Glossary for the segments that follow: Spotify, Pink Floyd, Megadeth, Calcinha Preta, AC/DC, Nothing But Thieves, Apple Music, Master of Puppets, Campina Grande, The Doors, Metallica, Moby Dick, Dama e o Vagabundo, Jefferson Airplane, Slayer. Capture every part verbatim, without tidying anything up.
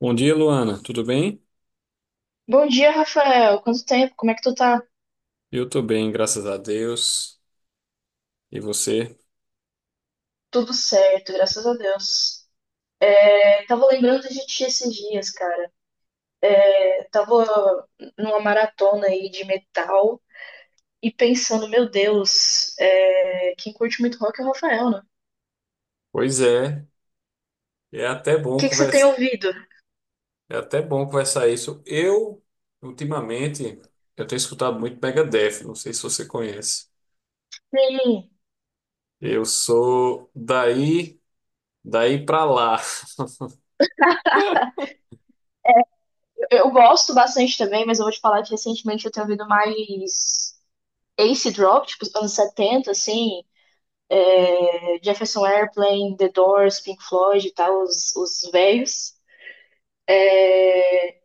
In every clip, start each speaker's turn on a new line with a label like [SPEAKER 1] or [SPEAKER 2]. [SPEAKER 1] Bom dia, Luana. Tudo bem?
[SPEAKER 2] Bom dia, Rafael. Quanto tempo? Como é que tu tá?
[SPEAKER 1] Eu tô bem, graças a Deus. E você?
[SPEAKER 2] Tudo certo, graças a Deus. É, tava lembrando de ti esses dias, cara. É, tava numa maratona aí de metal e pensando, meu Deus, é, quem curte muito rock é o Rafael, né? O
[SPEAKER 1] Pois é, é até bom
[SPEAKER 2] que que você tem
[SPEAKER 1] conversa,
[SPEAKER 2] ouvido?
[SPEAKER 1] é até bom conversar isso. Eu, ultimamente, eu tenho escutado muito Megadeth, não sei se você conhece.
[SPEAKER 2] Sim,
[SPEAKER 1] Eu sou daí, daí pra lá.
[SPEAKER 2] eu gosto bastante também, mas eu vou te falar que recentemente eu tenho ouvido mais acid rock, tipo, os anos setenta, assim, é, Jefferson Airplane, The Doors, Pink Floyd e tal, os, os velhos.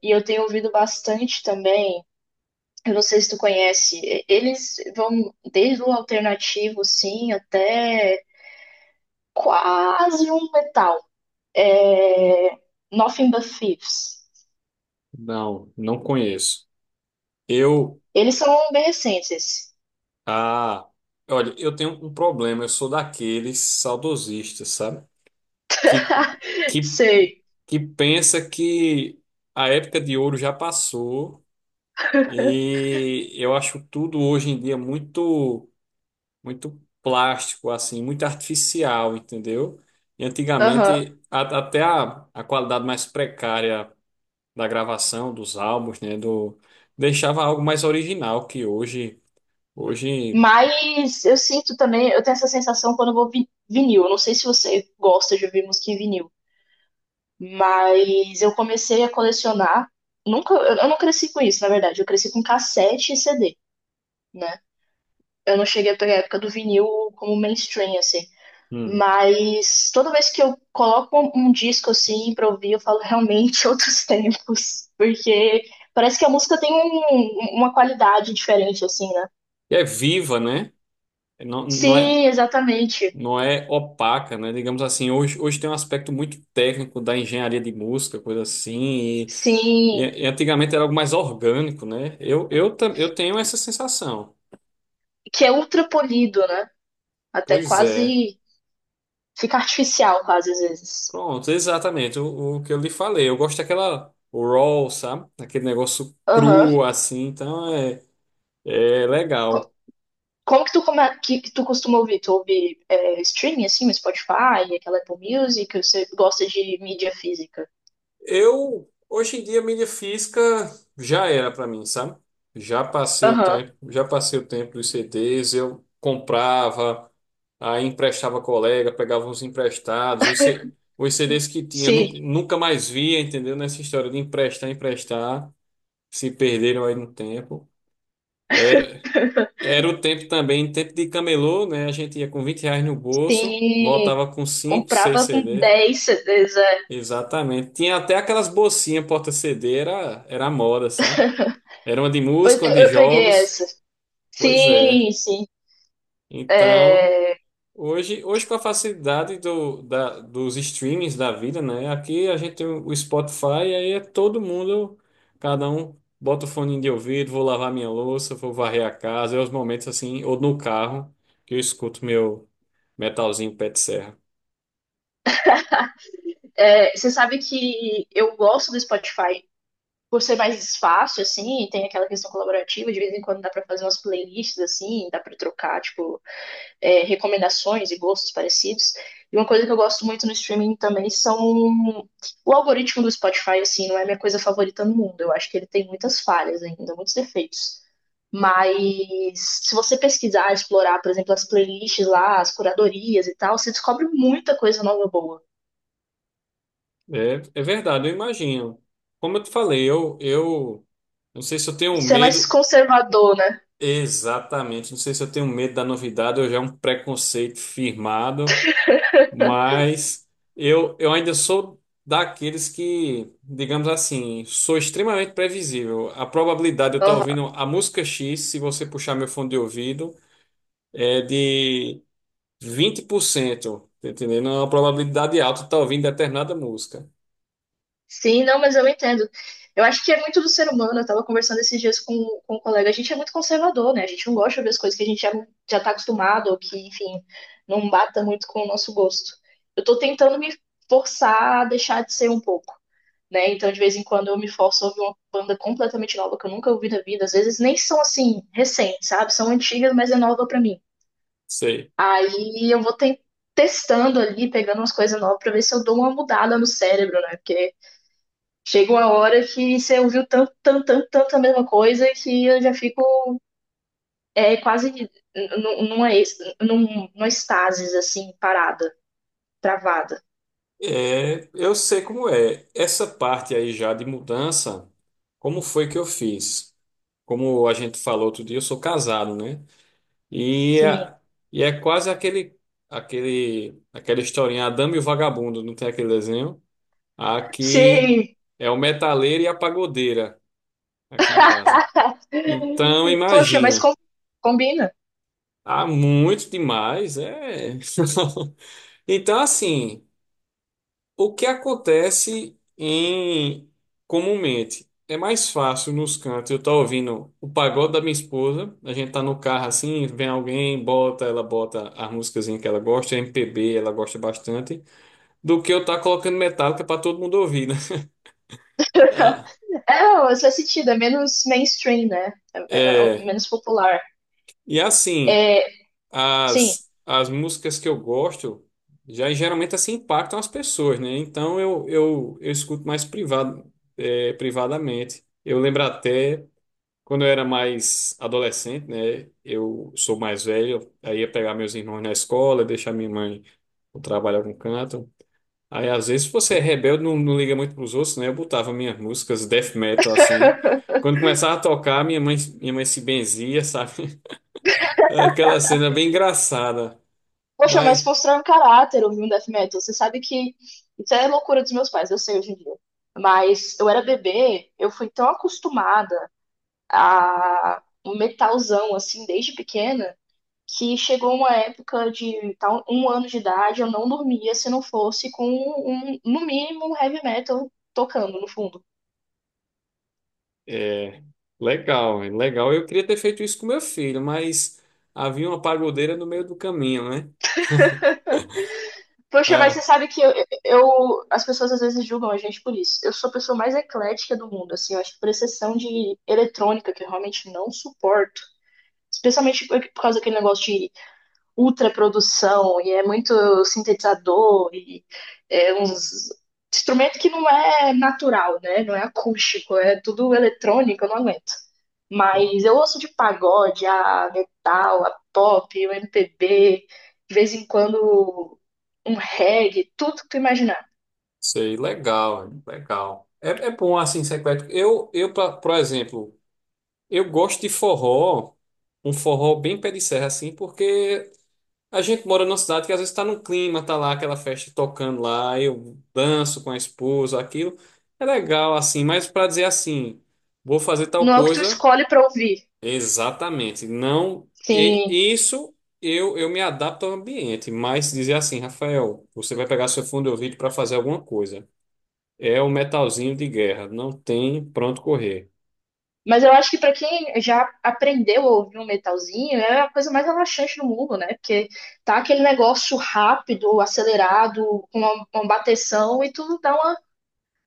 [SPEAKER 2] E eu tenho ouvido bastante também. Eu não sei se tu conhece. e- Eles vão desde o alternativo, sim, até quase um metal. É... Nothing But Thieves.
[SPEAKER 1] Não, não conheço. Eu,
[SPEAKER 2] Eles são bem recentes. esses.
[SPEAKER 1] ah, olha, eu tenho um problema, eu sou daqueles saudosistas, sabe? Que, que
[SPEAKER 2] Sei.
[SPEAKER 1] que pensa que a época de ouro já passou e eu acho tudo hoje em dia muito muito plástico assim, muito artificial, entendeu? E
[SPEAKER 2] Aham.
[SPEAKER 1] antigamente a- até a, a qualidade mais precária da gravação dos álbuns, né, do deixava algo mais original que hoje hoje
[SPEAKER 2] Mas eu sinto também, eu tenho essa sensação quando eu vou vi vinil. Eu não sei se você gosta de ouvir música em vinil. Mas eu comecei a colecionar. Nunca, eu eu não cresci com isso, na verdade. Eu cresci com cassete e C D, né? Eu não cheguei a pegar a época do vinil como mainstream, assim.
[SPEAKER 1] hum,
[SPEAKER 2] Mas toda vez que eu coloco um, um disco assim pra ouvir, eu falo realmente outros tempos. Porque parece que a música tem um- um, uma qualidade diferente, assim, né?
[SPEAKER 1] é viva, né? Não, não é,
[SPEAKER 2] Sim, exatamente.
[SPEAKER 1] não é opaca, né? Digamos assim, hoje, hoje tem um aspecto muito técnico da engenharia de música, coisa assim, e,
[SPEAKER 2] Sim.
[SPEAKER 1] e- e antigamente era algo mais orgânico, né? Eu, eu, ta- eu tenho essa sensação.
[SPEAKER 2] Que é ultra polido, né? Até
[SPEAKER 1] Pois é.
[SPEAKER 2] quase fica artificial, quase às vezes.
[SPEAKER 1] Pronto, exatamente o, o que eu lhe falei. Eu gosto daquela raw, sabe? Aquele negócio
[SPEAKER 2] Aham.
[SPEAKER 1] cru, assim, então é, é legal.
[SPEAKER 2] Como que tu, come- que, que tu costuma ouvir? Tu ouve é, streaming, assim, no Spotify, aquela Apple Music? Ou você gosta de mídia física?
[SPEAKER 1] Eu, hoje em dia, mídia física já era para mim, sabe? Já passei o
[SPEAKER 2] Aham.
[SPEAKER 1] tempo, já passei o tempo dos C Ds, eu comprava, aí emprestava colega, pegava uns emprestados, os, C- os C Ds que tinha, nu-
[SPEAKER 2] Sim,
[SPEAKER 1] nunca mais via, entendeu? Nessa história de emprestar, emprestar, se perderam aí no tempo. Era, era o tempo também, tempo de camelô, né? A gente ia com vinte reais no bolso,
[SPEAKER 2] sim.
[SPEAKER 1] voltava com cinco, seis
[SPEAKER 2] Comprava com
[SPEAKER 1] C Ds.
[SPEAKER 2] dez C Ds, é.
[SPEAKER 1] Exatamente. Tinha até aquelas bolsinhas porta-C D, era, era a moda, sabe? Era uma de
[SPEAKER 2] Pois
[SPEAKER 1] música,
[SPEAKER 2] eu,
[SPEAKER 1] uma de
[SPEAKER 2] eu peguei
[SPEAKER 1] jogos.
[SPEAKER 2] essa.
[SPEAKER 1] Pois é.
[SPEAKER 2] Sim, sim.
[SPEAKER 1] Então, hoje, hoje com a facilidade do, da, dos streamings da vida, né? Aqui a gente tem o Spotify, e aí é todo mundo, cada um bota o fone de ouvido, vou lavar minha louça, vou varrer a casa, é os momentos assim, ou no carro, que eu escuto meu metalzinho pé de serra.
[SPEAKER 2] É, você sabe que eu gosto do Spotify por ser mais fácil, assim, e tem aquela questão colaborativa, de vez em quando dá pra fazer umas playlists, assim, dá pra trocar, tipo, é, recomendações e gostos parecidos. E uma coisa que eu gosto muito no streaming também são o algoritmo do Spotify, assim, não é minha coisa favorita no mundo. Eu acho que ele tem muitas falhas ainda, muitos defeitos. Mas se você pesquisar, explorar, por exemplo, as playlists lá, as curadorias e tal, você descobre muita coisa nova boa.
[SPEAKER 1] É, é verdade, eu imagino. Como eu te falei, eu, eu não sei se eu tenho
[SPEAKER 2] Você é mais
[SPEAKER 1] medo
[SPEAKER 2] conservador, né?
[SPEAKER 1] exatamente, não sei se eu tenho medo da novidade, eu já é um preconceito firmado, mas eu, eu ainda sou daqueles que, digamos assim, sou extremamente previsível. A probabilidade de eu estar
[SPEAKER 2] Uhum.
[SPEAKER 1] ouvindo a música X, se você puxar meu fone de ouvido, é de vinte por cento, tá entendendo? É uma probabilidade alta de estar ouvindo determinada música.
[SPEAKER 2] Sim, não, mas eu entendo. Eu acho que é muito do ser humano. Eu estava conversando esses dias com, com um colega. A gente é muito conservador, né? A gente não gosta de ver as coisas que a gente já, já tá acostumado ou que, enfim, não bata muito com o nosso gosto. Eu tô tentando me forçar a deixar de ser um pouco, né? Então, de vez em quando, eu me forço a ouvir uma banda completamente nova que eu nunca ouvi na vida. Às vezes nem são assim, recentes, sabe? São antigas, mas é nova pra mim.
[SPEAKER 1] Sei.
[SPEAKER 2] Aí eu vou ten- Testando ali, pegando umas coisas novas pra ver se eu dou uma mudada no cérebro, né? Porque chega uma hora que você ouviu tanto, tanto, tanto, tanto a mesma coisa que eu já fico é, quase n- n- numa, ex- num- numa estasis, assim, parada, travada.
[SPEAKER 1] É, eu sei como é. Essa parte aí já de mudança, como foi que eu fiz? Como a gente falou outro dia, eu sou casado, né? E
[SPEAKER 2] Sim.
[SPEAKER 1] é, e é quase aquele, aquele, aquela historinha, a Dama e o Vagabundo, não tem aquele desenho? Aqui
[SPEAKER 2] Sim.
[SPEAKER 1] é o metaleiro e a pagodeira, aqui em casa. Então,
[SPEAKER 2] Poxa, mas
[SPEAKER 1] imagina,
[SPEAKER 2] com- combina.
[SPEAKER 1] há muito demais, é. Então, assim. O que acontece em comumente é mais fácil nos cantos. Eu tô ouvindo o pagode da minha esposa, a gente tá no carro assim, vem alguém, bota, ela bota as músicas que ela gosta, M P B, ela gosta bastante, do que eu tá colocando Metallica para todo mundo ouvir, né? Ah,
[SPEAKER 2] É, faz sentido, é menos mainstream, né? É- é- é
[SPEAKER 1] é,
[SPEAKER 2] menos popular.
[SPEAKER 1] e assim,
[SPEAKER 2] É, sim.
[SPEAKER 1] as as músicas que eu gosto já geralmente assim impactam as pessoas, né? Então eu eu, eu escuto mais privado, é, privadamente. Eu lembro até quando eu era mais adolescente, né, eu sou mais velho, aí ia pegar meus irmãos na escola, deixar minha mãe no trabalho em algum canto. Aí, às vezes, se você é rebelde, não, não liga muito pros outros, né? Eu botava minhas músicas death metal, assim. Quando começava a tocar, minha mãe, minha mãe se benzia, sabe? Aquela cena bem engraçada.
[SPEAKER 2] Poxa, mas
[SPEAKER 1] Mas,
[SPEAKER 2] constrói um caráter ouvir um death metal. Você sabe que isso é loucura dos meus pais, eu sei hoje em dia. Mas eu era bebê, eu fui tão acostumada a um metalzão, assim, desde pequena, que chegou uma época de tal, um ano de idade, eu não dormia se não fosse com, um, no mínimo, um heavy metal tocando no fundo.
[SPEAKER 1] é, legal, é legal. Eu queria ter feito isso com meu filho, mas havia uma pagodeira no meio do caminho, né?
[SPEAKER 2] Poxa, mas você
[SPEAKER 1] Ah.
[SPEAKER 2] sabe que eu, eu- as pessoas às vezes julgam a gente por isso. Eu sou a pessoa mais eclética do mundo, assim, eu acho que por exceção de eletrônica, que eu realmente não suporto. Especialmente por por causa daquele negócio de ultra produção e é muito sintetizador e é uns instrumento que não é natural, né? Não é acústico, é tudo eletrônico, eu não aguento. Mas eu ouço de pagode, a metal, a pop, o M P B, de vez em quando um reggae, tudo que tu imaginar.
[SPEAKER 1] Sei, legal, hein? Legal. É, é bom assim ser eclético. Eu, eu pra- por exemplo, eu gosto de forró, um forró bem pé de serra assim, porque a gente mora numa cidade que às vezes está num clima, tá lá aquela festa tocando lá, eu danço com a esposa, aquilo. É legal assim, mas para dizer assim, vou fazer tal
[SPEAKER 2] Não é o que tu
[SPEAKER 1] coisa,
[SPEAKER 2] escolhe pra ouvir.
[SPEAKER 1] exatamente. Não, e-
[SPEAKER 2] Sim,
[SPEAKER 1] isso eu, eu me adapto ao ambiente, mas dizer assim, Rafael, você vai pegar seu fundo de ouvido para fazer alguma coisa. É o metalzinho de guerra, não tem pronto correr.
[SPEAKER 2] mas eu acho que pra quem já aprendeu a ouvir um metalzinho, é a coisa mais relaxante do mundo, né? Porque tá aquele negócio rápido, acelerado, com uma, uma bateção e tudo dá uma.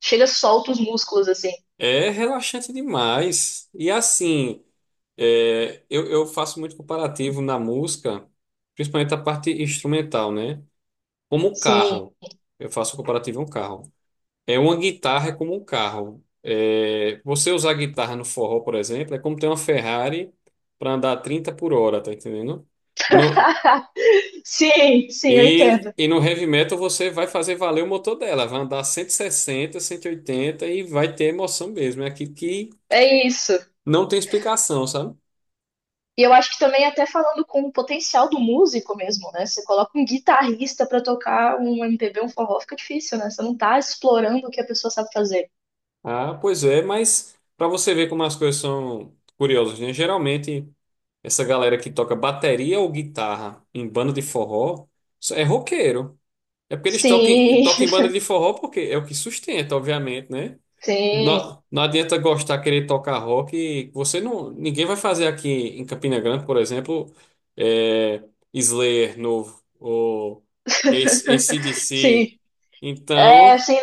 [SPEAKER 2] Chega, solta os músculos assim.
[SPEAKER 1] É relaxante demais. E assim, é, eu, eu faço muito comparativo na música, principalmente a parte instrumental, né? Como um
[SPEAKER 2] Sim.
[SPEAKER 1] carro. Eu faço comparativo a um carro. É uma guitarra é como um carro. É, você usar guitarra no forró, por exemplo, é como ter uma Ferrari para andar trinta por hora, tá entendendo? E não,
[SPEAKER 2] Sim, sim, eu
[SPEAKER 1] E,
[SPEAKER 2] entendo.
[SPEAKER 1] e no heavy metal você vai fazer valer o motor dela, vai andar cento e sessenta, cento e oitenta e oitenta e vai ter emoção mesmo. É aquilo que
[SPEAKER 2] É isso.
[SPEAKER 1] não tem explicação, sabe?
[SPEAKER 2] E eu acho que também até falando com o potencial do músico mesmo, né? Você coloca um guitarrista pra tocar um M P B, um forró, fica difícil, né? Você não tá explorando o que a pessoa sabe fazer.
[SPEAKER 1] Ah, pois é, mas para você ver como as coisas são curiosas, né? Geralmente essa galera que toca bateria ou guitarra em banda de forró é roqueiro. É porque eles tocam,
[SPEAKER 2] Sim,
[SPEAKER 1] tocam em banda de forró porque é o que sustenta, obviamente, né?
[SPEAKER 2] sim,
[SPEAKER 1] Não, não adianta gostar, querer tocar rock. Você não, ninguém vai fazer aqui em Campina Grande, por exemplo, é, Slayer novo ou A C- A C/D C.
[SPEAKER 2] sim. É,
[SPEAKER 1] Então,
[SPEAKER 2] assim,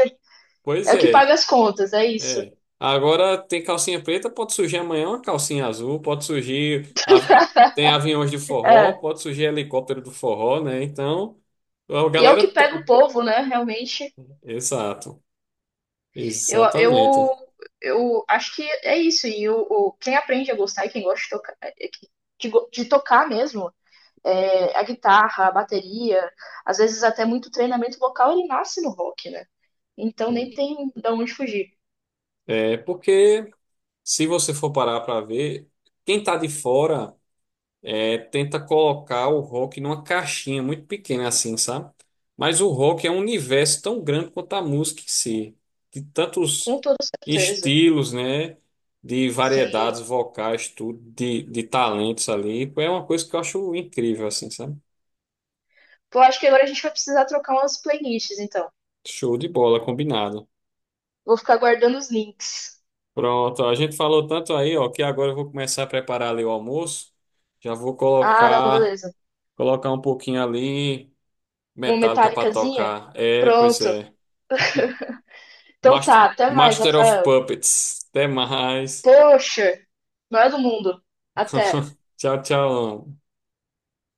[SPEAKER 1] pois
[SPEAKER 2] é o que
[SPEAKER 1] é,
[SPEAKER 2] paga as contas, é isso.
[SPEAKER 1] é. Agora tem calcinha preta, pode surgir amanhã uma calcinha azul, pode surgir av- tem aviões de forró,
[SPEAKER 2] É.
[SPEAKER 1] pode surgir helicóptero do forró, né? Então, a
[SPEAKER 2] E é o
[SPEAKER 1] galera,
[SPEAKER 2] que pega
[SPEAKER 1] to-
[SPEAKER 2] o povo, né? Realmente,
[SPEAKER 1] exato,
[SPEAKER 2] eu, eu,
[SPEAKER 1] exatamente.
[SPEAKER 2] eu acho que é isso. E o, o- quem aprende a gostar e quem gosta de tocar, é que- de, go- de tocar mesmo, é, a guitarra, a bateria, às vezes até muito treinamento vocal, ele nasce no rock, né? Então nem tem de onde fugir.
[SPEAKER 1] É porque se você for parar para ver, quem tá de fora é, tenta colocar o rock numa caixinha muito pequena assim, sabe? Mas o rock é um universo tão grande quanto a música em si, de tantos
[SPEAKER 2] Com toda certeza.
[SPEAKER 1] estilos, né? De variedades
[SPEAKER 2] Sim.
[SPEAKER 1] vocais, tudo, de, de, talentos ali. É uma coisa que eu acho incrível, assim, sabe?
[SPEAKER 2] Pô, acho que agora a gente vai precisar trocar umas playlists, então.
[SPEAKER 1] Show de bola, combinado.
[SPEAKER 2] Vou ficar guardando os links.
[SPEAKER 1] Pronto, a gente falou tanto aí, ó, que agora eu vou começar a preparar ali o almoço. Já vou
[SPEAKER 2] Ah, não,
[SPEAKER 1] colocar,
[SPEAKER 2] beleza.
[SPEAKER 1] colocar um pouquinho ali.
[SPEAKER 2] Uma
[SPEAKER 1] Metallica pra
[SPEAKER 2] metálicazinha?
[SPEAKER 1] tocar. É, pois
[SPEAKER 2] Pronto.
[SPEAKER 1] é.
[SPEAKER 2] Então tá,
[SPEAKER 1] Master,
[SPEAKER 2] até mais,
[SPEAKER 1] Master of
[SPEAKER 2] Rafael.
[SPEAKER 1] Puppets. Até mais.
[SPEAKER 2] Poxa, maior do mundo. Até.
[SPEAKER 1] Tchau, tchau.